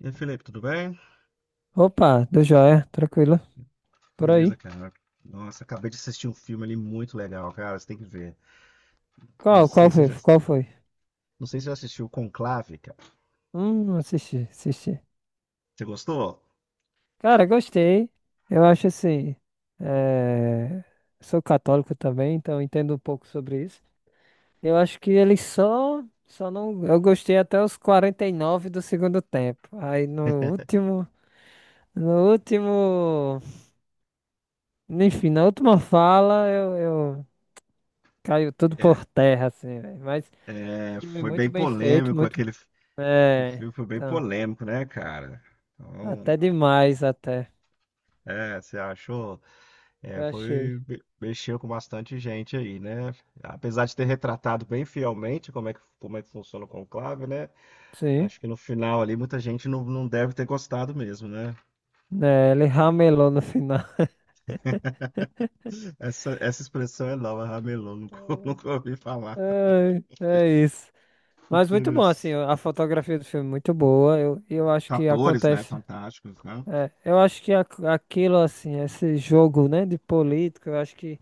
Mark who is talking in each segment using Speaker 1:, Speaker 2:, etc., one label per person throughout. Speaker 1: E aí, Felipe, tudo bem?
Speaker 2: Opa, do joia, tranquilo. Por aí.
Speaker 1: Beleza, cara. Nossa, acabei de assistir um filme ali muito legal, cara. Você tem que ver. Não
Speaker 2: Qual
Speaker 1: sei se
Speaker 2: foi?
Speaker 1: você já,
Speaker 2: Qual foi?
Speaker 1: não sei se você já assistiu Conclave, cara.
Speaker 2: Assisti, assisti.
Speaker 1: Você gostou?
Speaker 2: Cara, gostei. Eu acho assim. eh, Sou católico também, então entendo um pouco sobre isso. Eu acho que ele só não. Eu gostei até os 49 do segundo tempo. Aí no último, enfim, na última fala eu caiu tudo
Speaker 1: É,
Speaker 2: por terra, assim, velho. Mas
Speaker 1: é,
Speaker 2: filme
Speaker 1: foi
Speaker 2: muito
Speaker 1: bem
Speaker 2: bem feito,
Speaker 1: polêmico
Speaker 2: muito.
Speaker 1: aquele
Speaker 2: É,
Speaker 1: filme, foi bem
Speaker 2: então.
Speaker 1: polêmico, né, cara? Então,
Speaker 2: Até demais, até.
Speaker 1: é, você achou? É,
Speaker 2: Eu achei.
Speaker 1: foi mexeu com bastante gente aí, né? Apesar de ter retratado bem fielmente como é que funciona o conclave, né?
Speaker 2: Sim.
Speaker 1: Acho que no final ali muita gente não deve ter gostado mesmo, né?
Speaker 2: Né, ele ramelou no final.
Speaker 1: Essa expressão é nova, ramelô, nunca, nunca ouvi falar.
Speaker 2: É, é isso. Mas muito bom, assim,
Speaker 1: Inteiros.
Speaker 2: a fotografia do filme é muito boa. Eu acho que
Speaker 1: Atores, né?
Speaker 2: acontece.
Speaker 1: Fantásticos, né?
Speaker 2: Eu acho que aquilo, assim, esse jogo, né, de política, eu acho que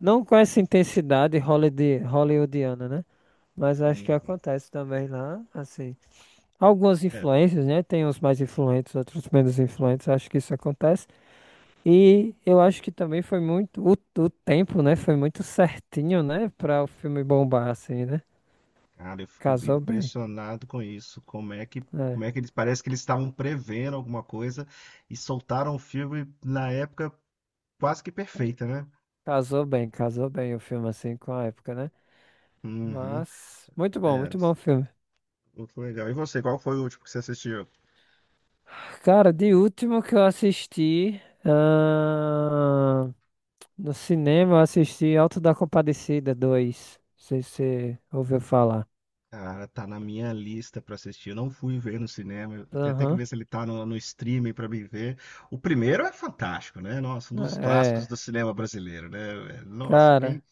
Speaker 2: não com essa intensidade hollywoodiana, né? Mas eu acho que
Speaker 1: Uhum.
Speaker 2: acontece também lá, assim. Algumas
Speaker 1: É,
Speaker 2: influências, né? Tem uns mais influentes, outros menos influentes. Eu acho que isso acontece. E eu acho que também foi muito. O tempo, né? Foi muito certinho, né? Pra o filme bombar, assim, né?
Speaker 1: cara, eu fico
Speaker 2: Casou bem.
Speaker 1: impressionado com isso. Como é que,
Speaker 2: É.
Speaker 1: como é que eles parece que eles estavam prevendo alguma coisa e soltaram um filme na época quase que perfeita, né?
Speaker 2: Casou bem o filme, assim, com a época, né?
Speaker 1: Uhum.
Speaker 2: Mas.
Speaker 1: É,
Speaker 2: Muito bom o filme.
Speaker 1: muito legal. E você, qual foi o último que você assistiu?
Speaker 2: Cara, de último que eu assisti. Ah, no cinema, eu assisti Alto da Compadecida dois. Não sei se você ouviu falar.
Speaker 1: Cara, tá na minha lista pra assistir. Eu não fui ver no cinema. Eu tenho até que
Speaker 2: Aham.
Speaker 1: ver se ele tá no streaming pra me ver. O primeiro é fantástico, né? Nossa, um dos clássicos
Speaker 2: É.
Speaker 1: do cinema brasileiro, né? Nossa, quem
Speaker 2: Cara.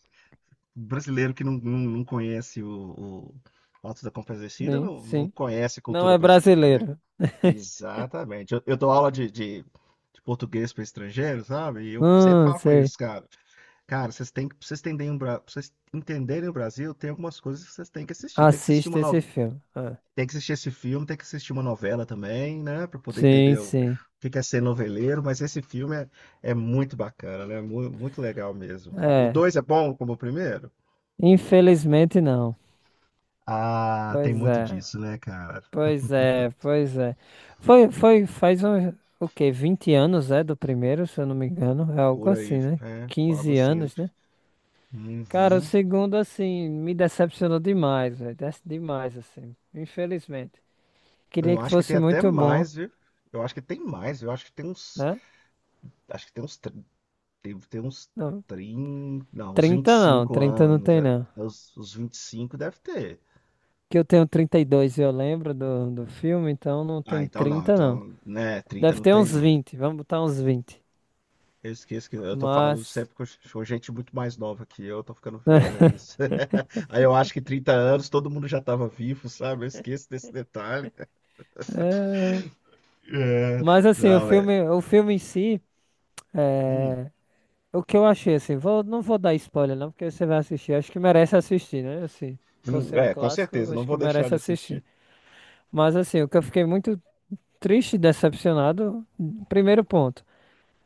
Speaker 1: brasileiro que não conhece o Autos da Compadecida
Speaker 2: Sim,
Speaker 1: não
Speaker 2: sim.
Speaker 1: conhece a
Speaker 2: Não
Speaker 1: cultura
Speaker 2: é
Speaker 1: brasileira, né?
Speaker 2: brasileiro.
Speaker 1: Exatamente. Eu dou aula de português pra estrangeiros, sabe? E eu sempre falo com
Speaker 2: Sei.
Speaker 1: eles, cara. Cara, vocês têm que, pra vocês entenderem o Brasil, tem algumas coisas que vocês têm que assistir. Tem que assistir
Speaker 2: Assista esse
Speaker 1: uma
Speaker 2: filme. Ah.
Speaker 1: tem que assistir esse filme, tem que assistir uma novela também, né? Pra poder
Speaker 2: Sim,
Speaker 1: entender o
Speaker 2: sim.
Speaker 1: que que é ser noveleiro, mas esse filme é muito bacana, né? Muito legal mesmo, cara. O
Speaker 2: É.
Speaker 1: dois é bom como o primeiro?
Speaker 2: Infelizmente não.
Speaker 1: Ah, tem
Speaker 2: Pois
Speaker 1: muito
Speaker 2: é.
Speaker 1: disso, né, cara?
Speaker 2: Pois é, pois é. Foi, faz um, o quê? 20 anos, é, do primeiro, se eu não me engano. É algo
Speaker 1: Por aí,
Speaker 2: assim, né?
Speaker 1: é, algo
Speaker 2: 15
Speaker 1: cinza.
Speaker 2: anos, né? Cara, o
Speaker 1: Uhum.
Speaker 2: segundo, assim, me decepcionou demais, velho. Demais, assim. Infelizmente. Queria
Speaker 1: Eu
Speaker 2: que
Speaker 1: acho que tem
Speaker 2: fosse
Speaker 1: até
Speaker 2: muito bom,
Speaker 1: mais, viu? Eu acho que tem mais, eu acho que tem uns.
Speaker 2: né?
Speaker 1: Acho que tem uns. Tem uns
Speaker 2: Não,
Speaker 1: 30. Não, uns vinte e
Speaker 2: 30 não,
Speaker 1: cinco
Speaker 2: trinta não
Speaker 1: anos.
Speaker 2: tem
Speaker 1: É,
Speaker 2: não.
Speaker 1: os 25 deve ter.
Speaker 2: Que eu tenho 32 e eu lembro do filme, então não
Speaker 1: Ah,
Speaker 2: tem
Speaker 1: então não.
Speaker 2: 30 não.
Speaker 1: Então, né, 30
Speaker 2: Deve
Speaker 1: não
Speaker 2: ter
Speaker 1: tem,
Speaker 2: uns
Speaker 1: não.
Speaker 2: vinte vamos botar uns 20.
Speaker 1: Eu esqueço que eu tô falando
Speaker 2: Mas,
Speaker 1: sempre com gente muito mais nova que eu tô ficando velho, é isso. Aí eu acho que 30 anos todo mundo já tava vivo, sabe? Eu esqueço desse detalhe.
Speaker 2: é,
Speaker 1: É,
Speaker 2: mas assim,
Speaker 1: não, é.
Speaker 2: o filme em si,
Speaker 1: hum,
Speaker 2: é, o que eu achei assim, vou, não vou dar spoiler não, porque você vai assistir, acho que merece assistir, né? Assim, por ser um
Speaker 1: é, com
Speaker 2: clássico,
Speaker 1: certeza,
Speaker 2: eu
Speaker 1: não
Speaker 2: acho
Speaker 1: vou
Speaker 2: que
Speaker 1: deixar
Speaker 2: merece
Speaker 1: de
Speaker 2: assistir.
Speaker 1: assistir.
Speaker 2: Mas assim, o que eu fiquei muito triste e decepcionado, primeiro ponto,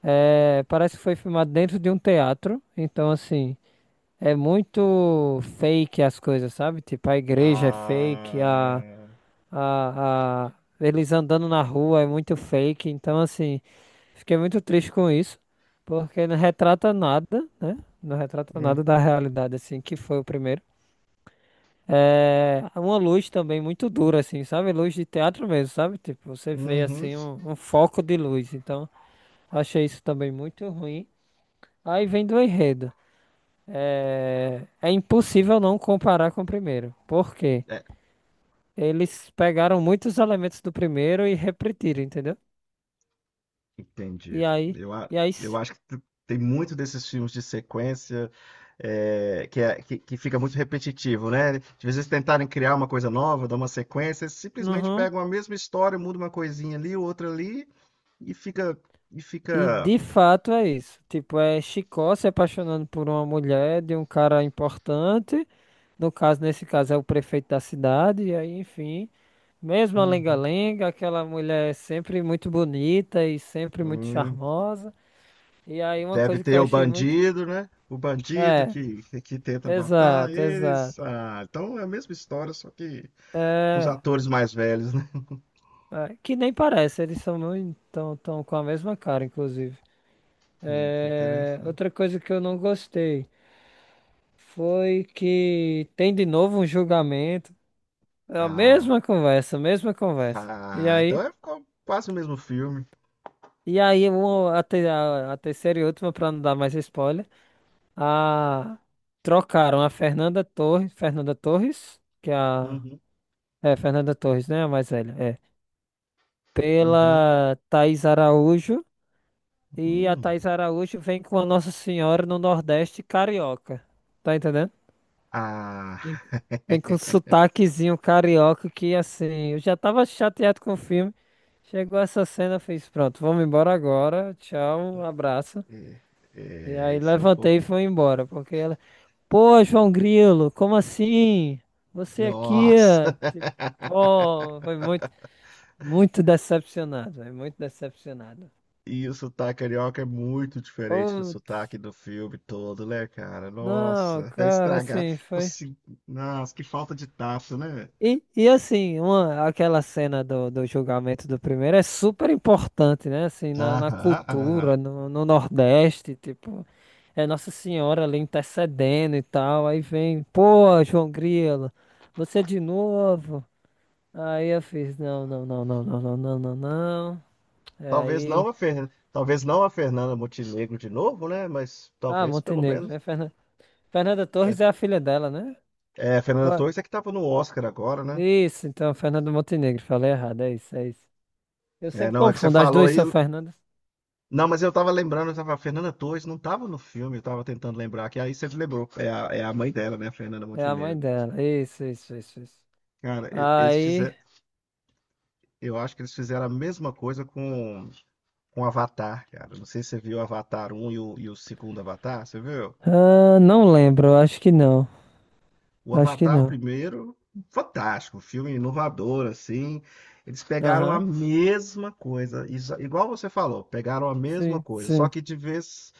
Speaker 2: é, parece que foi filmado dentro de um teatro, então assim, é muito fake as coisas, sabe? Tipo, a igreja é fake,
Speaker 1: Ah.
Speaker 2: a, a- eles andando na rua é muito fake, então assim, fiquei muito triste com isso, porque não retrata nada, né? Não retrata
Speaker 1: Hum.
Speaker 2: nada da realidade, assim, que foi o primeiro. É uma luz também muito dura, assim, sabe? Luz de teatro mesmo, sabe? Tipo, você vê
Speaker 1: Uhum.
Speaker 2: assim um foco de luz, então achei isso também muito ruim. Aí vem do enredo. É, é impossível não comparar com o primeiro. Por quê?
Speaker 1: É,
Speaker 2: Eles pegaram muitos elementos do primeiro e repetiram, entendeu? E
Speaker 1: entendi.
Speaker 2: aí,
Speaker 1: Eu, a-
Speaker 2: e aí,
Speaker 1: eu
Speaker 2: s-
Speaker 1: acho que tem muito desses filmes de sequência que fica muito repetitivo, né? De vezes tentarem criar uma coisa nova, dar uma sequência, eles simplesmente
Speaker 2: Uhum.
Speaker 1: pegam a mesma história, mudam uma coisinha ali, outra ali, e fica, e
Speaker 2: E
Speaker 1: fica.
Speaker 2: de fato é isso. Tipo, é Chicó se apaixonando por uma mulher de um cara importante. No caso, nesse caso, é o prefeito da cidade. E aí, enfim, mesmo a
Speaker 1: Uhum.
Speaker 2: lenga-lenga, aquela mulher é sempre muito bonita e sempre muito
Speaker 1: Hum,
Speaker 2: charmosa. E aí, uma
Speaker 1: Deve
Speaker 2: coisa que eu
Speaker 1: ter o
Speaker 2: achei muito.
Speaker 1: bandido, né? O bandido
Speaker 2: É,
Speaker 1: que tenta matar
Speaker 2: exato,
Speaker 1: eles.
Speaker 2: exato.
Speaker 1: Ah, então é a mesma história, só que com os atores mais velhos, né?
Speaker 2: É, que nem parece, eles são muito. Tão com a mesma cara, inclusive.
Speaker 1: Gente, isso é
Speaker 2: É,
Speaker 1: interessante.
Speaker 2: outra coisa que eu não gostei. Foi que tem de novo um julgamento. É a
Speaker 1: Ah.
Speaker 2: mesma conversa, a mesma conversa. E
Speaker 1: Ah, então
Speaker 2: aí,
Speaker 1: é quase o mesmo filme.
Speaker 2: e aí um, a, te- a- a terceira e última, pra não dar mais spoiler, a, trocaram a Fernanda Torres, que é
Speaker 1: Uhum,
Speaker 2: Fernanda Torres, né? A mais velha, é.
Speaker 1: uhum,
Speaker 2: Pela Thaís Araújo. E a
Speaker 1: hum.
Speaker 2: Thaís Araújo vem com a Nossa Senhora no Nordeste carioca. Tá entendendo?
Speaker 1: Ah,
Speaker 2: Vem vem com sotaquezinho carioca que assim, eu já tava chateado com o filme. Chegou essa cena, eu fiz, pronto, vamos embora agora. Tchau, um abraço.
Speaker 1: é,
Speaker 2: E
Speaker 1: é,
Speaker 2: aí
Speaker 1: isso é um pouco.
Speaker 2: levantei e fui embora, porque ela, pô, João Grilo, como assim? Você aqui, ó?
Speaker 1: Nossa!
Speaker 2: Tipo, pô, foi muito, muito decepcionado, é muito decepcionado.
Speaker 1: E o sotaque carioca é muito diferente do
Speaker 2: Putz,
Speaker 1: sotaque do filme todo, né, cara?
Speaker 2: não,
Speaker 1: Nossa, é
Speaker 2: cara,
Speaker 1: estragar.
Speaker 2: assim, foi.
Speaker 1: Consigo... Nossa, que falta de tato, né?
Speaker 2: E assim, uma, aquela cena do, do julgamento do primeiro é super importante, né? Assim, na, na
Speaker 1: Aham,
Speaker 2: cultura,
Speaker 1: aham.
Speaker 2: no, no Nordeste, tipo, é Nossa Senhora ali intercedendo e tal. Aí vem, pô, João Grilo, você de novo? Aí eu fiz, não, não, não, não, não, não, não, não, não. É
Speaker 1: Talvez
Speaker 2: aí,
Speaker 1: não a Fer... talvez não a Fernanda Montenegro de novo, né? Mas
Speaker 2: ah,
Speaker 1: talvez pelo
Speaker 2: Montenegro,
Speaker 1: menos.
Speaker 2: né? Fernanda
Speaker 1: É,
Speaker 2: Torres é a filha dela, né?
Speaker 1: é, a Fernanda
Speaker 2: Ué,
Speaker 1: Torres é que tava no Oscar agora, né?
Speaker 2: isso, então, Fernanda Montenegro, falei errado, é isso, é isso. Eu
Speaker 1: É,
Speaker 2: sempre
Speaker 1: não, é que você
Speaker 2: confundo, as
Speaker 1: falou
Speaker 2: duas
Speaker 1: aí.
Speaker 2: são Fernandas.
Speaker 1: Não, mas eu tava lembrando, eu tava, a Fernanda Torres não tava no filme, eu tava tentando lembrar, que aí você lembrou. É a mãe dela, né, a Fernanda
Speaker 2: É a mãe
Speaker 1: Montenegro.
Speaker 2: dela. Isso, isso, isso, isso.
Speaker 1: Cara, eles
Speaker 2: Aí.
Speaker 1: fizeram. Eu acho que eles fizeram a mesma coisa com Avatar, cara. Não sei se você viu o Avatar um e o segundo Avatar, você viu?
Speaker 2: Ah, não lembro, acho que não.
Speaker 1: O
Speaker 2: Acho que
Speaker 1: Avatar
Speaker 2: não.
Speaker 1: primeiro, fantástico, filme inovador, assim. Eles pegaram a
Speaker 2: Aham.
Speaker 1: mesma coisa, igual você falou, pegaram a mesma
Speaker 2: Sim,
Speaker 1: coisa, só
Speaker 2: sim.
Speaker 1: que de vez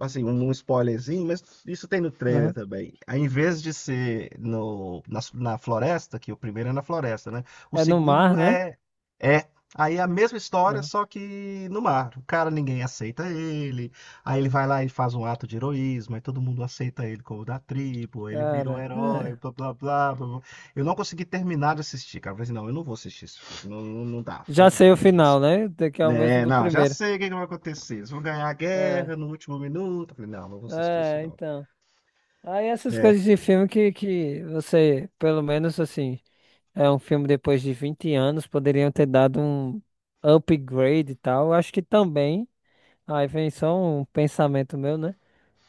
Speaker 1: assim, um spoilerzinho, mas isso tem no trailer
Speaker 2: Aham.
Speaker 1: também. Aí, em vez de ser no, na, na floresta, que o primeiro é na floresta, né? O
Speaker 2: É no mar,
Speaker 1: segundo
Speaker 2: né?
Speaker 1: é. É. Aí é a mesma história,
Speaker 2: Aham.
Speaker 1: só que no mar. O cara, ninguém aceita ele. Aí ele vai lá e faz um ato de heroísmo. Aí todo mundo aceita ele como da tribo. Ele vira o
Speaker 2: Cara,
Speaker 1: herói,
Speaker 2: é.
Speaker 1: blá, blá, blá, blá, blá. Eu não consegui terminar de assistir, cara. Eu falei assim, não, eu não vou assistir isso. Não, não, não dá. Não
Speaker 2: Já
Speaker 1: dá.
Speaker 2: sei o final, né? Que é o mesmo
Speaker 1: É,
Speaker 2: do
Speaker 1: não, já
Speaker 2: primeiro.
Speaker 1: sei o que que vai acontecer. Eles vão ganhar a
Speaker 2: É,
Speaker 1: guerra no último minuto. Eu falei, não, não vou assistir isso,
Speaker 2: é,
Speaker 1: não.
Speaker 2: então. Aí essas
Speaker 1: É.
Speaker 2: coisas de filme que você, pelo menos assim, é um filme depois de 20 anos, poderiam ter dado um upgrade e tal. Eu acho que também. Aí vem só um pensamento meu, né?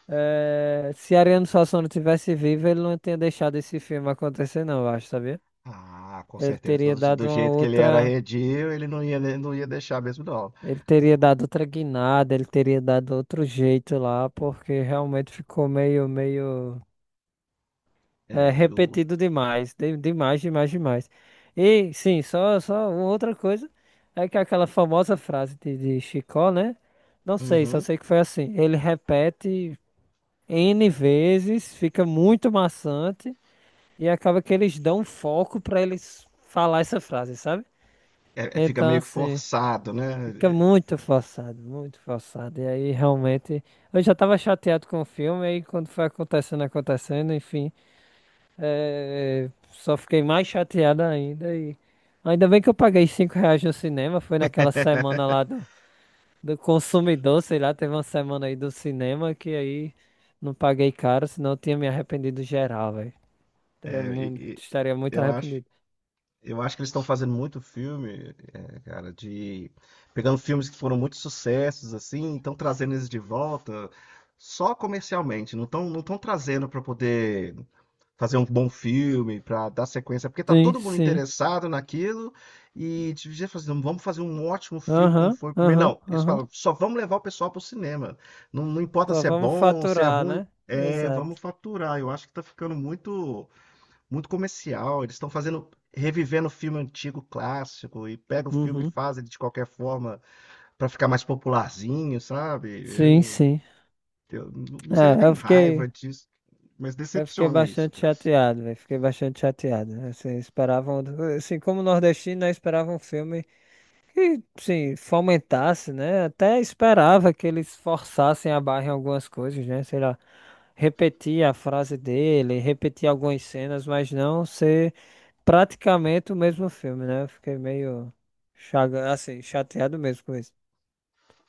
Speaker 2: É, se Ariano Suassuna tivesse vivo, ele não tinha deixado esse filme acontecer, não, eu acho, sabia?
Speaker 1: Ah, com
Speaker 2: Ele
Speaker 1: certeza.
Speaker 2: teria
Speaker 1: Do,
Speaker 2: dado
Speaker 1: do
Speaker 2: uma
Speaker 1: jeito que ele era
Speaker 2: outra.
Speaker 1: arredio, ele não ia, né, não ia deixar mesmo, não.
Speaker 2: Ele teria dado outra guinada, ele teria dado outro jeito lá, porque realmente ficou meio, meio. É,
Speaker 1: É, e o.
Speaker 2: repetido demais. Demais, demais, demais. E, sim, só, só uma outra coisa. É que aquela famosa frase de Chicó, né? Não sei, só
Speaker 1: Uhum.
Speaker 2: sei que foi assim. Ele repete N vezes, fica muito maçante. E acaba que eles dão um foco pra eles falar essa frase, sabe?
Speaker 1: É, fica
Speaker 2: Então,
Speaker 1: meio que
Speaker 2: assim,
Speaker 1: forçado, né?
Speaker 2: fica muito forçado, muito forçado. E aí, realmente, eu já tava chateado com o filme, aí quando foi acontecendo, acontecendo, enfim, só fiquei mais chateado ainda. E ainda bem que eu paguei 5 reais no cinema, foi naquela semana lá do consumidor, sei lá, teve uma semana aí do cinema que aí não paguei caro, senão eu tinha me arrependido geral, velho. Estaria
Speaker 1: É, e
Speaker 2: estaria muito
Speaker 1: eu acho,
Speaker 2: arrependido.
Speaker 1: eu acho que eles estão fazendo muito filme, é, cara, de pegando filmes que foram muito sucessos assim, estão trazendo eles de volta só comercialmente, não estão trazendo para poder fazer um bom filme, para dar sequência, porque tá
Speaker 2: Sim,
Speaker 1: todo mundo
Speaker 2: sim.
Speaker 1: interessado naquilo e devia fazer, vamos fazer um ótimo filme como
Speaker 2: Aham,
Speaker 1: foi o primeiro.
Speaker 2: aham,
Speaker 1: Não, eles
Speaker 2: aham.
Speaker 1: falam, só vamos levar o pessoal pro cinema. Não, não importa
Speaker 2: Só
Speaker 1: se é
Speaker 2: vamos
Speaker 1: bom, se é
Speaker 2: faturar,
Speaker 1: ruim,
Speaker 2: né?
Speaker 1: é,
Speaker 2: Exato.
Speaker 1: vamos faturar. Eu acho que tá ficando muito muito comercial. Eles estão fazendo revivendo o filme antigo clássico e pega o filme e
Speaker 2: Uhum.
Speaker 1: faz ele de qualquer forma para ficar mais popularzinho, sabe?
Speaker 2: Sim,
Speaker 1: Eu,
Speaker 2: sim.
Speaker 1: eu não sei se eu
Speaker 2: É,
Speaker 1: tenho
Speaker 2: eu
Speaker 1: raiva
Speaker 2: fiquei,
Speaker 1: disso, mas
Speaker 2: eu fiquei
Speaker 1: decepciona isso,
Speaker 2: bastante
Speaker 1: cara.
Speaker 2: chateado, velho. Fiquei bastante chateado. Assim, esperavam, assim, como nordestino, né, esperava um filme que, sim, fomentasse, né? Até esperava que eles forçassem a barra em algumas coisas, né? Sei lá, repetir a frase dele, repetir algumas cenas, mas não ser praticamente o mesmo filme, né? Eu fiquei meio chaga, assim, chateado mesmo com isso.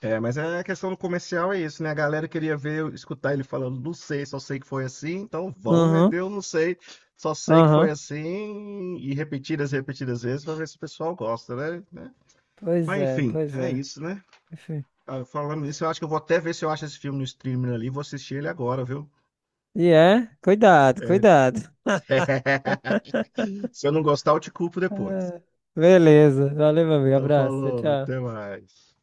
Speaker 1: É, mas é a questão do comercial é isso, né? A galera queria ver, escutar ele falando, não sei, só sei que foi assim, então vamos
Speaker 2: Aham,
Speaker 1: meter o não sei, só sei que foi
Speaker 2: aham.
Speaker 1: assim, e repetidas, repetidas vezes, pra ver se o pessoal gosta, né? Né?
Speaker 2: Pois
Speaker 1: Mas
Speaker 2: é,
Speaker 1: enfim,
Speaker 2: pois
Speaker 1: é
Speaker 2: é.
Speaker 1: isso, né?
Speaker 2: Enfim.
Speaker 1: Ah, falando nisso, eu acho que eu vou até ver se eu acho esse filme no streaming ali, vou assistir ele agora, viu?
Speaker 2: E é, cuidado,
Speaker 1: É.
Speaker 2: cuidado.
Speaker 1: Se eu não gostar, eu te culpo depois.
Speaker 2: Ah, beleza, valeu, meu amigo.
Speaker 1: Então
Speaker 2: Abraço,
Speaker 1: falou,
Speaker 2: tchau,
Speaker 1: até
Speaker 2: tchau.
Speaker 1: mais.